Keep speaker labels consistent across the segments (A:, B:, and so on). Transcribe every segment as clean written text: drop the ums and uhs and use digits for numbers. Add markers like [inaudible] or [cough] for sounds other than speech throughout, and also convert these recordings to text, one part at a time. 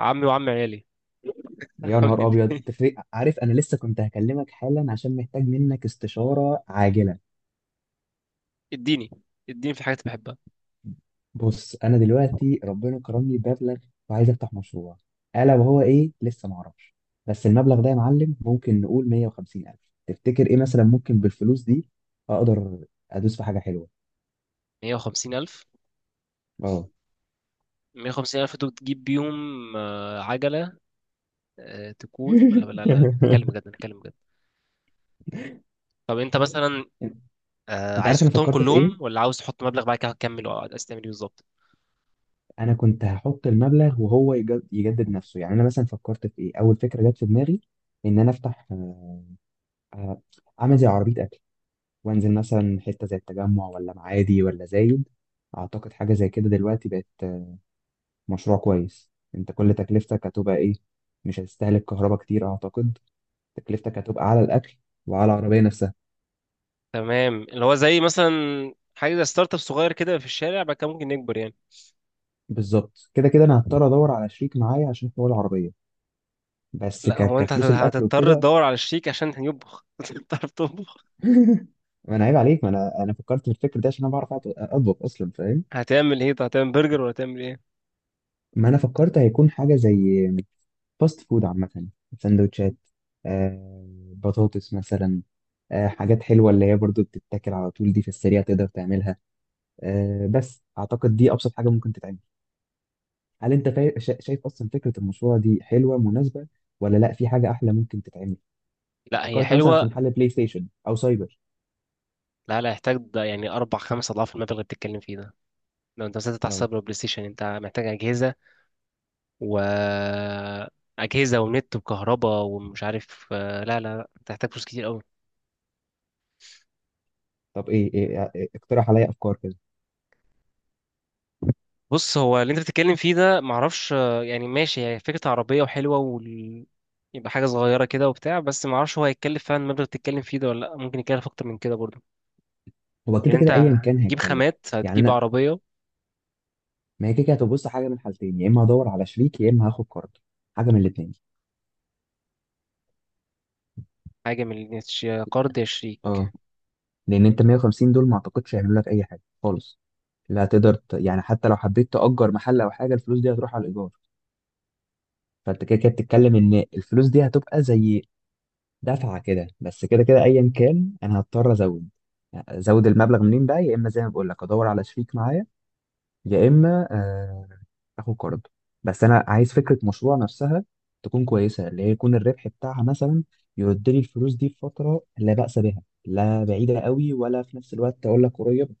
A: عمي وعم عيالي.
B: يا
A: [laughs]
B: نهار
A: أعمل
B: ابيض
A: إيه؟
B: تفرق. عارف انا لسه كنت هكلمك حالا عشان محتاج منك استشاره عاجله.
A: اديني اديني في حاجات بحبها.
B: بص انا دلوقتي ربنا كرمني بمبلغ وعايز افتح مشروع، الا وهو ايه لسه ما اعرفش. بس المبلغ ده يا معلم ممكن نقول 150 الف. تفتكر ايه مثلا ممكن بالفلوس دي اقدر ادوس في حاجه حلوه؟
A: 150 ألف؟
B: اه.
A: 150 ألف دول تجيب بيهم عجلة؟ تكون ولا
B: [laughs]
A: لا، نتكلم بجد، نتكلم بجد. طب أنت مثلا
B: انت
A: عايز
B: عارف انا
A: تحطهم
B: فكرت في
A: كلهم
B: ايه؟
A: ولا عاوز تحط مبلغ بعد كده هتكمل، أو عايز تعمل إيه بالظبط؟
B: انا كنت هحط المبلغ وهو يجدد نفسه، يعني انا مثلا فكرت في ايه اول فكره جت في دماغي، ان انا افتح، آه، اعمل زي عربيه اكل، وانزل مثلا حته زي التجمع ولا معادي ولا زايد. اعتقد حاجه زي كده دلوقتي بقت مشروع كويس. انت كل تكلفتك هتبقى ايه؟ مش هتستهلك كهرباء كتير اعتقد، تكلفتك هتبقى على الاكل وعلى العربيه نفسها.
A: تمام، اللي هو زي مثلا حاجة زي ستارت اب صغير كده في الشارع، بعد كده ممكن نكبر يعني.
B: بالظبط كده، كده انا هضطر ادور على شريك معايا عشان حوار العربيه، بس
A: لا، هو أنت
B: كفلوس الاكل
A: هتضطر
B: وكده.
A: تدور على الشيك عشان يطبخ. [laughs] هتضطر تطبخ.
B: [laughs] ما انا عيب عليك، ما انا فكرت في الفكر ده عشان انا بعرف اطبخ اصلا، فاهم.
A: هتعمل إيه؟ طب هتعمل برجر ولا هتعمل إيه؟
B: ما انا فكرت هيكون حاجه زي فاست فود عامة، سندوتشات، آه، بطاطس مثلا، آه، حاجات حلوة اللي هي برضو بتتاكل على طول، دي في السريع تقدر تعملها. آه، بس أعتقد دي أبسط حاجة ممكن تتعمل. هل أنت شايف أصلا فكرة المشروع دي حلوة مناسبة، ولا لأ في حاجة أحلى ممكن تتعمل؟
A: لا، هي
B: فكرت مثلا في
A: حلوة.
B: محل بلاي ستيشن أو سايبر.
A: لا، يحتاج ده يعني اربع خمس اضعاف المبلغ اللي بتتكلم فيه ده. لو انت مسكت على
B: نعم.
A: السايبر بلاي ستيشن، انت محتاج اجهزه و اجهزه ونت وكهرباء ومش عارف لا انت محتاج فلوس كتير قوي.
B: طب إيه, إيه, إيه إيه، اقترح عليا أفكار كده.
A: بص، هو اللي انت بتتكلم فيه ده معرفش يعني ماشي، هي فكره عربيه وحلوه يبقى حاجه صغيره كده وبتاع، بس معرفش هو هيتكلف فعلا المبلغ اللي بتتكلم فيه ده ولا لا، ممكن يكلف اكتر من كده برضه.
B: هو كده
A: يعني انت
B: كده أيا كان
A: هتجيب
B: هيتكلف.
A: خامات،
B: يعني
A: هتجيب
B: أنا،
A: عربيه.
B: ما هي كده كده هتبص حاجة من حالتين، يا إما هدور على شريك يا إما هاخد قرض، حاجة من الاتنين.
A: حاجه من قرض 20.
B: اه. لان انت 150 دول ما اعتقدش هيعملوا لك اي حاجه خالص، لا هتقدر يعني حتى لو حبيت تأجر محل او حاجه الفلوس دي هتروح على الايجار. فانت كده كده بتتكلم ان الفلوس دي هتبقى زي دفعه كده، بس كده كده ايا كان انا هضطر ازود المبلغ منين بقى، يا اما زي ما بقول لك ادور على شريك معايا، يا اما اخد قرض. بس انا عايز فكره مشروع نفسها تكون كويسه، اللي هي يكون الربح بتاعها مثلا يرد لي الفلوس دي في فتره لا بأس بها، لا بعيده قوي ولا في نفس الوقت اقول لك قريب.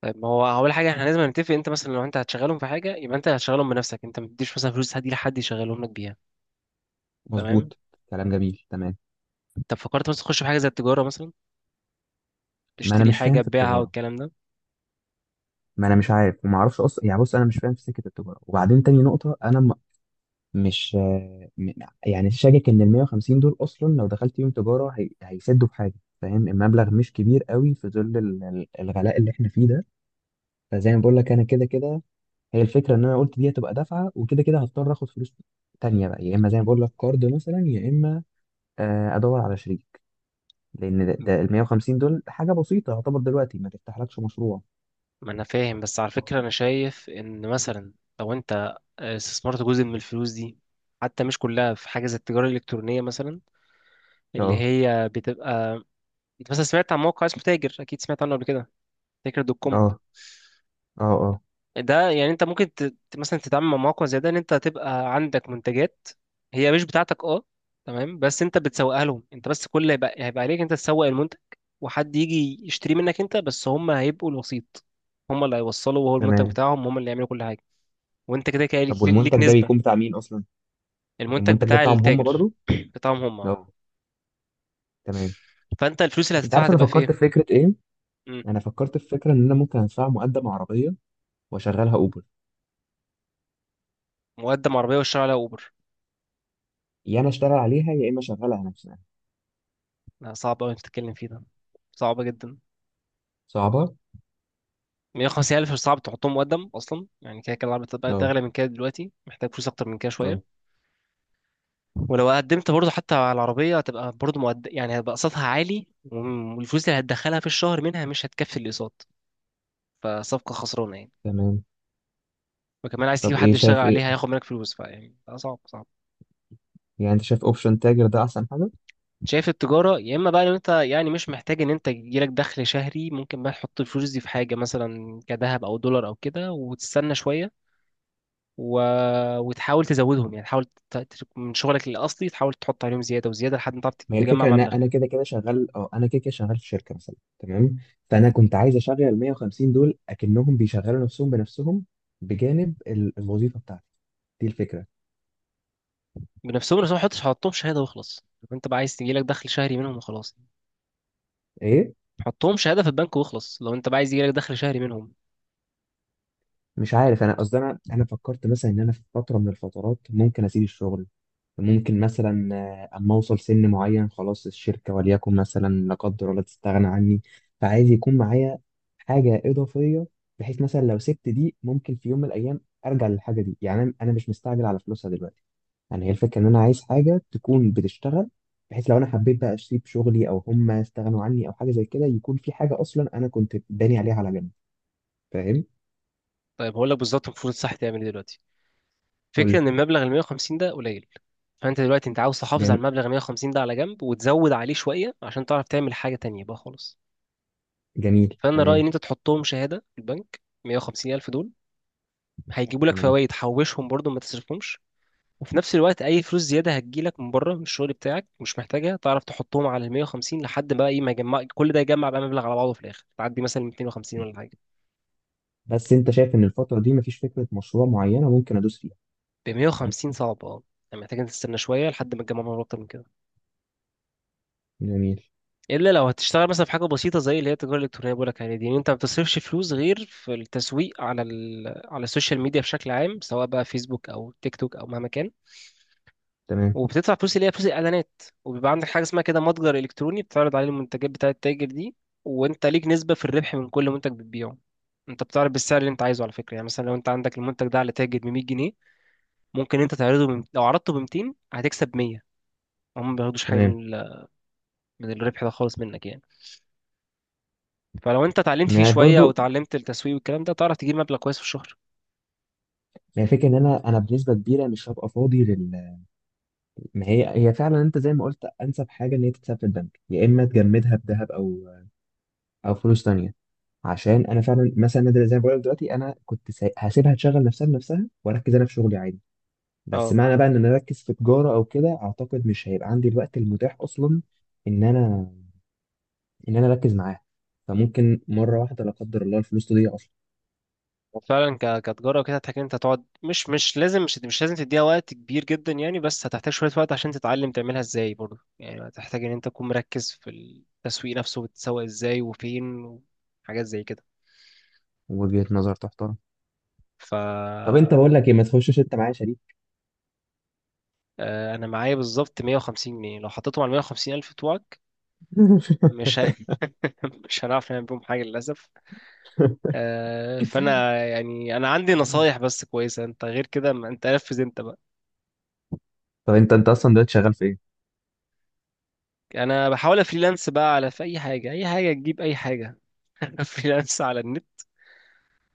A: طيب، ما هو اول حاجه احنا لازم نتفق، انت مثلا لو انت هتشغلهم في حاجه، يبقى انت هتشغلهم بنفسك، انت ما تديش مثلا فلوس حد لحد يشغلهم لك بيها. تمام.
B: مظبوط. كلام جميل، تمام.
A: طب فكرت مثلا تخش في حاجه زي التجاره مثلا،
B: ما انا
A: تشتري
B: مش
A: حاجه
B: فاهم في
A: تبيعها
B: التجاره،
A: والكلام ده؟
B: ما انا مش عارف وما اعرفش اصلا، يعني بص انا مش فاهم في سكه التجاره. وبعدين تاني نقطه، انا م... مش آه، م... يعني شاكك ان ال 150 دول اصلا لو دخلت يوم تجاره هيسدوا في حاجه، فاهم. المبلغ مش كبير قوي في ظل الغلاء اللي احنا فيه ده. فزي ما بقول لك انا كده كده، هي الفكره ان انا قلت دي هتبقى دفعه، وكده كده هضطر اخد فلوس تانية بقى، يا اما زي ما بقول لك كارد مثلا، يا اما ادور على شريك، لان ده ال 150 دول حاجه بسيطه يعتبر دلوقتي، ما تفتحلكش مشروع.
A: ما انا فاهم، بس على
B: اه.
A: فكره انا شايف ان مثلا لو انت استثمرت جزء من الفلوس دي، حتى مش كلها، في حاجه زي التجاره الالكترونيه مثلا، اللي
B: اه.
A: هي بتبقى، انت مثلا سمعت عن موقع اسمه تاجر؟ اكيد سمعت عنه قبل كده، تاجر دوت كوم.
B: اه. اه.
A: ده يعني انت ممكن مثلا تتعامل مع مواقع زي ده، ان انت تبقى عندك منتجات هي مش بتاعتك، اه تمام، بس انت بتسوقها لهم، انت بس كل اللي هيبقى هيبقى عليك انت تسوق المنتج، وحد يجي يشتري منك انت بس، هم هيبقوا الوسيط، هم اللي هيوصلوا وهو المنتج
B: تمام.
A: بتاعهم، هم اللي يعملوا كل حاجه. وانت كده كده
B: طب
A: ليك,
B: والمنتج
A: ليك
B: ده بيكون
A: نسبه.
B: بتاع مين اصلا؟
A: المنتج
B: المنتج ده
A: بتاع
B: بتاعهم هم
A: التاجر
B: برضو.
A: [coughs] [clears throat] بتاعهم هم.
B: لا. تمام.
A: فانت الفلوس اللي
B: انت
A: هتدفعها
B: عارف انا
A: هتبقى في
B: فكرت
A: ايه؟
B: في فكره ايه؟
A: مم.
B: انا فكرت في فكره ان انا ممكن ادفع مقدم عربيه واشغلها اوبر،
A: مقدم عربيه والشارع على اوبر؟
B: يا انا اشتغل عليها يا اما اشغلها نفسها.
A: لا، صعب قوي تتكلم فيه ده، صعب جدا.
B: صعبه.
A: 150,000 مش صعب تحطهم مقدم اصلا، يعني كده كده العربية بتبقى
B: لا.
A: تغلى من كده، دلوقتي محتاج فلوس اكتر من كده
B: لا.
A: شويه. ولو قدمت برضه حتى على العربيه، هتبقى برضه مقدم يعني، هيبقى قسطها عالي والفلوس اللي هتدخلها في الشهر منها مش هتكفي الاقساط. فصفقه خسرانه يعني.
B: تمام.
A: وكمان عايز تجيب
B: طب ايه
A: حد يشتغل
B: شايف ايه؟
A: عليها هياخد منك فلوس، فيعني ده صعب صعب.
B: يعني انت شايف اوبشن تاجر ده احسن حاجه؟
A: شايف التجاره، يا اما بقى لو انت يعني مش محتاج ان انت يجيلك دخل شهري، ممكن بقى تحط الفلوس دي في حاجه مثلا كذهب او دولار او كده وتستنى شويه. و... وتحاول تزودهم، يعني تحاول من شغلك الاصلي تحاول تحط عليهم زياده وزياده لحد ما تعرف
B: ما هي
A: تجمع
B: الفكره ان
A: مبلغ.
B: انا كده كده شغال، اه انا كده كده شغال في شركه مثلا، تمام. فانا كنت عايز اشغل ال 150 دول اكنهم بيشغلوا نفسهم بنفسهم بجانب الوظيفه بتاعتي. دي الفكره.
A: بنفسهم، بس ما تحطش، حطهم شهاده واخلص لو انت بقى عايز يجي لك دخل شهري منهم وخلاص.
B: ايه؟
A: حطهم شهاده في البنك واخلص لو انت بقى عايز يجي لك دخل شهري منهم.
B: مش عارف. انا قصدي انا فكرت مثلا ان انا في فتره من الفترات ممكن اسيب الشغل، ممكن مثلا اما اوصل سن معين خلاص الشركه وليكن مثلا لا قدر الله تستغنى عني، فعايز يكون معايا حاجه اضافيه، بحيث مثلا لو سبت دي ممكن في يوم من الايام ارجع للحاجه دي. يعني انا مش مستعجل على فلوسها دلوقتي، يعني هي الفكره ان انا عايز حاجه تكون بتشتغل، بحيث لو انا حبيت بقى اسيب شغلي او هم استغنوا عني او حاجه زي كده يكون في حاجه اصلا انا كنت باني عليها على جنب، فاهم.
A: طيب هقول لك بالظبط المفروض صح تعمل ايه دلوقتي. فكره
B: قول
A: ان المبلغ ال 150 ده قليل، فانت دلوقتي انت عاوز تحافظ على
B: لي.
A: المبلغ ال 150 ده على جنب، وتزود عليه شويه عشان تعرف تعمل حاجه تانية بقى خالص.
B: جميل،
A: فانا رايي
B: تمام.
A: ان انت تحطهم شهاده في البنك، 150 الف دول هيجيبوا لك
B: تمام.
A: فوائد، حوشهم برضو ما تصرفهمش. وفي نفس الوقت اي فلوس زياده هتجيلك من بره من الشغل بتاعك مش محتاجها، تعرف تحطهم على ال 150 لحد ما ايه، ما يجمع كل ده، يجمع بقى مبلغ على بعضه، في الاخر تعدي مثلا 250 ولا حاجه.
B: بس انت شايف ان الفترة دي مفيش فكرة مشروع معينة ممكن ادوس فيها؟
A: ب 150 صعب اه، يعني محتاج إنك تستنى شويه لحد ما تجمع مبلغ اكتر من كده.
B: جميل،
A: الا لو هتشتغل مثلا في حاجه بسيطه زي اللي هي التجاره الالكترونيه بقول لك عليها دي، يعني انت ما بتصرفش فلوس غير في التسويق على على السوشيال ميديا بشكل عام، سواء بقى فيسبوك او تيك توك او مهما كان.
B: تمام.
A: وبتدفع فلوس اللي هي فلوس الاعلانات، وبيبقى عندك حاجه اسمها كده متجر الكتروني بتعرض عليه المنتجات بتاعه التاجر دي. وانت ليك نسبه في الربح من كل منتج بتبيعه. انت بتعرض بالسعر اللي انت عايزه على فكره، يعني مثلا لو انت عندك المنتج ده على تاجر ب 100 جنيه، ممكن انت تعرضه لو عرضته ب 200 هتكسب 100. هم ما بياخدوش حاجه
B: تمام.
A: من من الربح ده خالص منك يعني. فلو انت اتعلمت فيه
B: ما
A: شويه او
B: برضو،
A: اتعلمت التسويق والكلام ده، تعرف تجيب مبلغ كويس في الشهر.
B: ما هي فكرة ان انا بنسبة كبيرة مش هبقى فاضي لل، ما هي فعلا انت زي ما قلت انسب حاجة ان هي تتساب في البنك، يا اما تجمدها بذهب او او فلوس تانية. عشان انا فعلا مثلا، زي ما بقول لك دلوقتي انا هسيبها تشغل نفسها بنفسها واركز انا في شغلي عادي. بس
A: اه.
B: معنى بقى ان انا اركز في تجارة او كده اعتقد مش هيبقى عندي الوقت المتاح اصلا ان انا، ان انا اركز معاها، فممكن مره واحده لا قدر الله الفلوس تضيع اصلا.
A: وفعلا كتجارة وكده هتحتاج إن انت تقعد، مش مش لازم تديها وقت كبير جدا يعني، بس هتحتاج شوية وقت عشان تتعلم تعملها ازاي برضه، يعني هتحتاج ان انت تكون مركز في التسويق نفسه، بتسوق ازاي وفين وحاجات زي كده.
B: وجهه نظر تحترم.
A: ف
B: طب انت بقول لك ايه، ما تخشش انت معايا شريك؟
A: انا معايا بالظبط 150 جنيه، لو حطيتهم على 150 الف بتوعك مش ه...
B: [laughs]
A: [laughs] مش هنعرف نعمل بيهم حاجة للأسف. فانا يعني انا عندي نصايح بس كويسة، انت غير كده ما انت نفذ انت بقى.
B: طب انت، انت اصلا دلوقتي شغال في ايه؟
A: انا بحاول افريلانس بقى على، في اي حاجه، اي حاجه تجيب اي حاجه. [laughs] فريلانس على النت،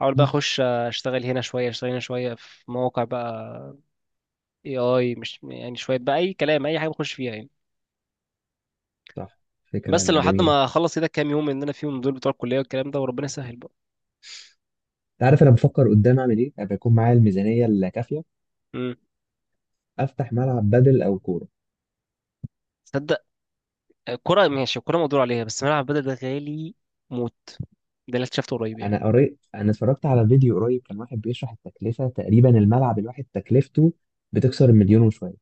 A: احاول بقى
B: [laughs]
A: اخش اشتغل هنا شويه اشتغل هنا شويه في مواقع بقى. اي اي، مش يعني شويه بقى، اي كلام اي حاجه بخش فيها يعني.
B: صح.
A: بس
B: فكره
A: لو حد
B: جميله. انت
A: ما اخلص كده كام يوم ان انا فيهم دول بتوع الكليه والكلام ده، وربنا يسهل بقى.
B: عارف انا بفكر قدام اعمل ايه ابقى يكون معايا الميزانيه الكافيه؟
A: امم
B: افتح ملعب بدل او كوره.
A: تصدق الكوره ماشي، الكوره مقدور عليها، بس ملعب بدل ده غالي موت، ده اللي اكتشفته قريب يعني.
B: انا قريت، انا اتفرجت على فيديو قريب كان واحد بيشرح التكلفه تقريبا الملعب الواحد تكلفته بتكسر المليون وشويه.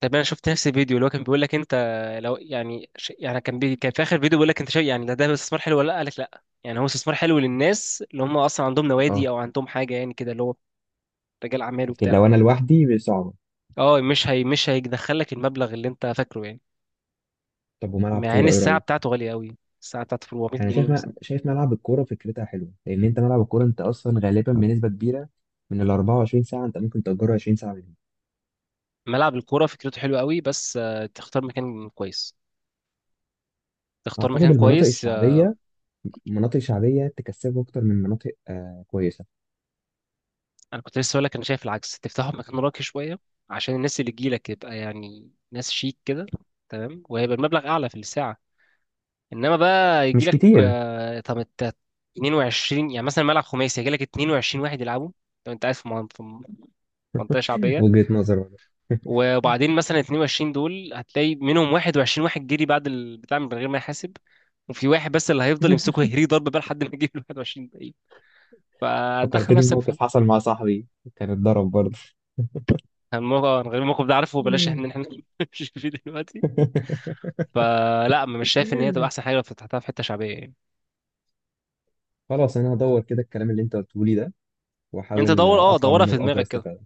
A: طب انا شفت نفس الفيديو اللي هو كان بيقول لك انت، لو يعني يعني كان كان في اخر فيديو بيقول لك انت شايف يعني، ده ده استثمار حلو ولا لا، قال لك لا يعني، هو استثمار حلو للناس اللي هم اصلا عندهم نوادي
B: اه.
A: او عندهم حاجه يعني كده، اللي هو رجال اعمال
B: لكن
A: وبتاع.
B: لو انا لوحدي صعبه.
A: اه مش هي، مش هيدخلك المبلغ اللي انت فاكره يعني.
B: طب وملعب
A: مع ان
B: كوره ايه
A: الساعه
B: رايك؟
A: بتاعته غاليه قوي، الساعه بتاعته في 400
B: انا
A: جنيه
B: شايف
A: مثلا.
B: شايف ملعب الكوره فكرتها حلوه، لان انت ملعب الكوره انت اصلا غالبا بنسبه كبيره من ال 24 ساعه انت ممكن تأجره 20 ساعه منهم.
A: ملعب الكوره فكرته حلوه قوي، بس تختار مكان كويس، تختار
B: اعتقد
A: مكان
B: المناطق
A: كويس.
B: الشعبيه، مناطق شعبيه تكسبه اكتر من مناطق آه كويسه.
A: انا كنت لسه اقول لك انا شايف العكس، تفتحه في مكان راقي شويه، عشان الناس اللي تجيلك يبقى يعني ناس شيك كده. تمام، وهيبقى المبلغ اعلى في الساعه. انما بقى
B: مش
A: يجيلك
B: كتير.
A: طب انت 22 يعني مثلا ملعب خماسي، يجيلك 22 واحد يلعبوا، لو انت قاعد في في منطقه شعبيه.
B: وجهه نظر والله. [laughs]
A: وبعدين مثلا 22 دول هتلاقي منهم 21 واحد جري بعد البتاع من غير ما يحاسب، وفي واحد بس اللي هيفضل يمسكه يهريه ضرب بقى لحد ما يجيب ال 21 باقي. فدخل
B: فكرتني
A: نفسك
B: بموقف
A: في،
B: حصل مع صاحبي كان اتضرب برضه.
A: الموقف غير الموقف ده، عارفه بلاش، احنا
B: [laughs]
A: مش فيه دلوقتي. فلا، مش شايف ان هي تبقى احسن حاجه لو فتحتها في حته شعبيه يعني.
B: خلاص، انا هدور كده الكلام اللي انت قلته لي ده
A: انت
B: واحاول
A: دور، اه
B: اطلع
A: دورها
B: منه
A: في
B: باكبر
A: دماغك كده.
B: استفاده.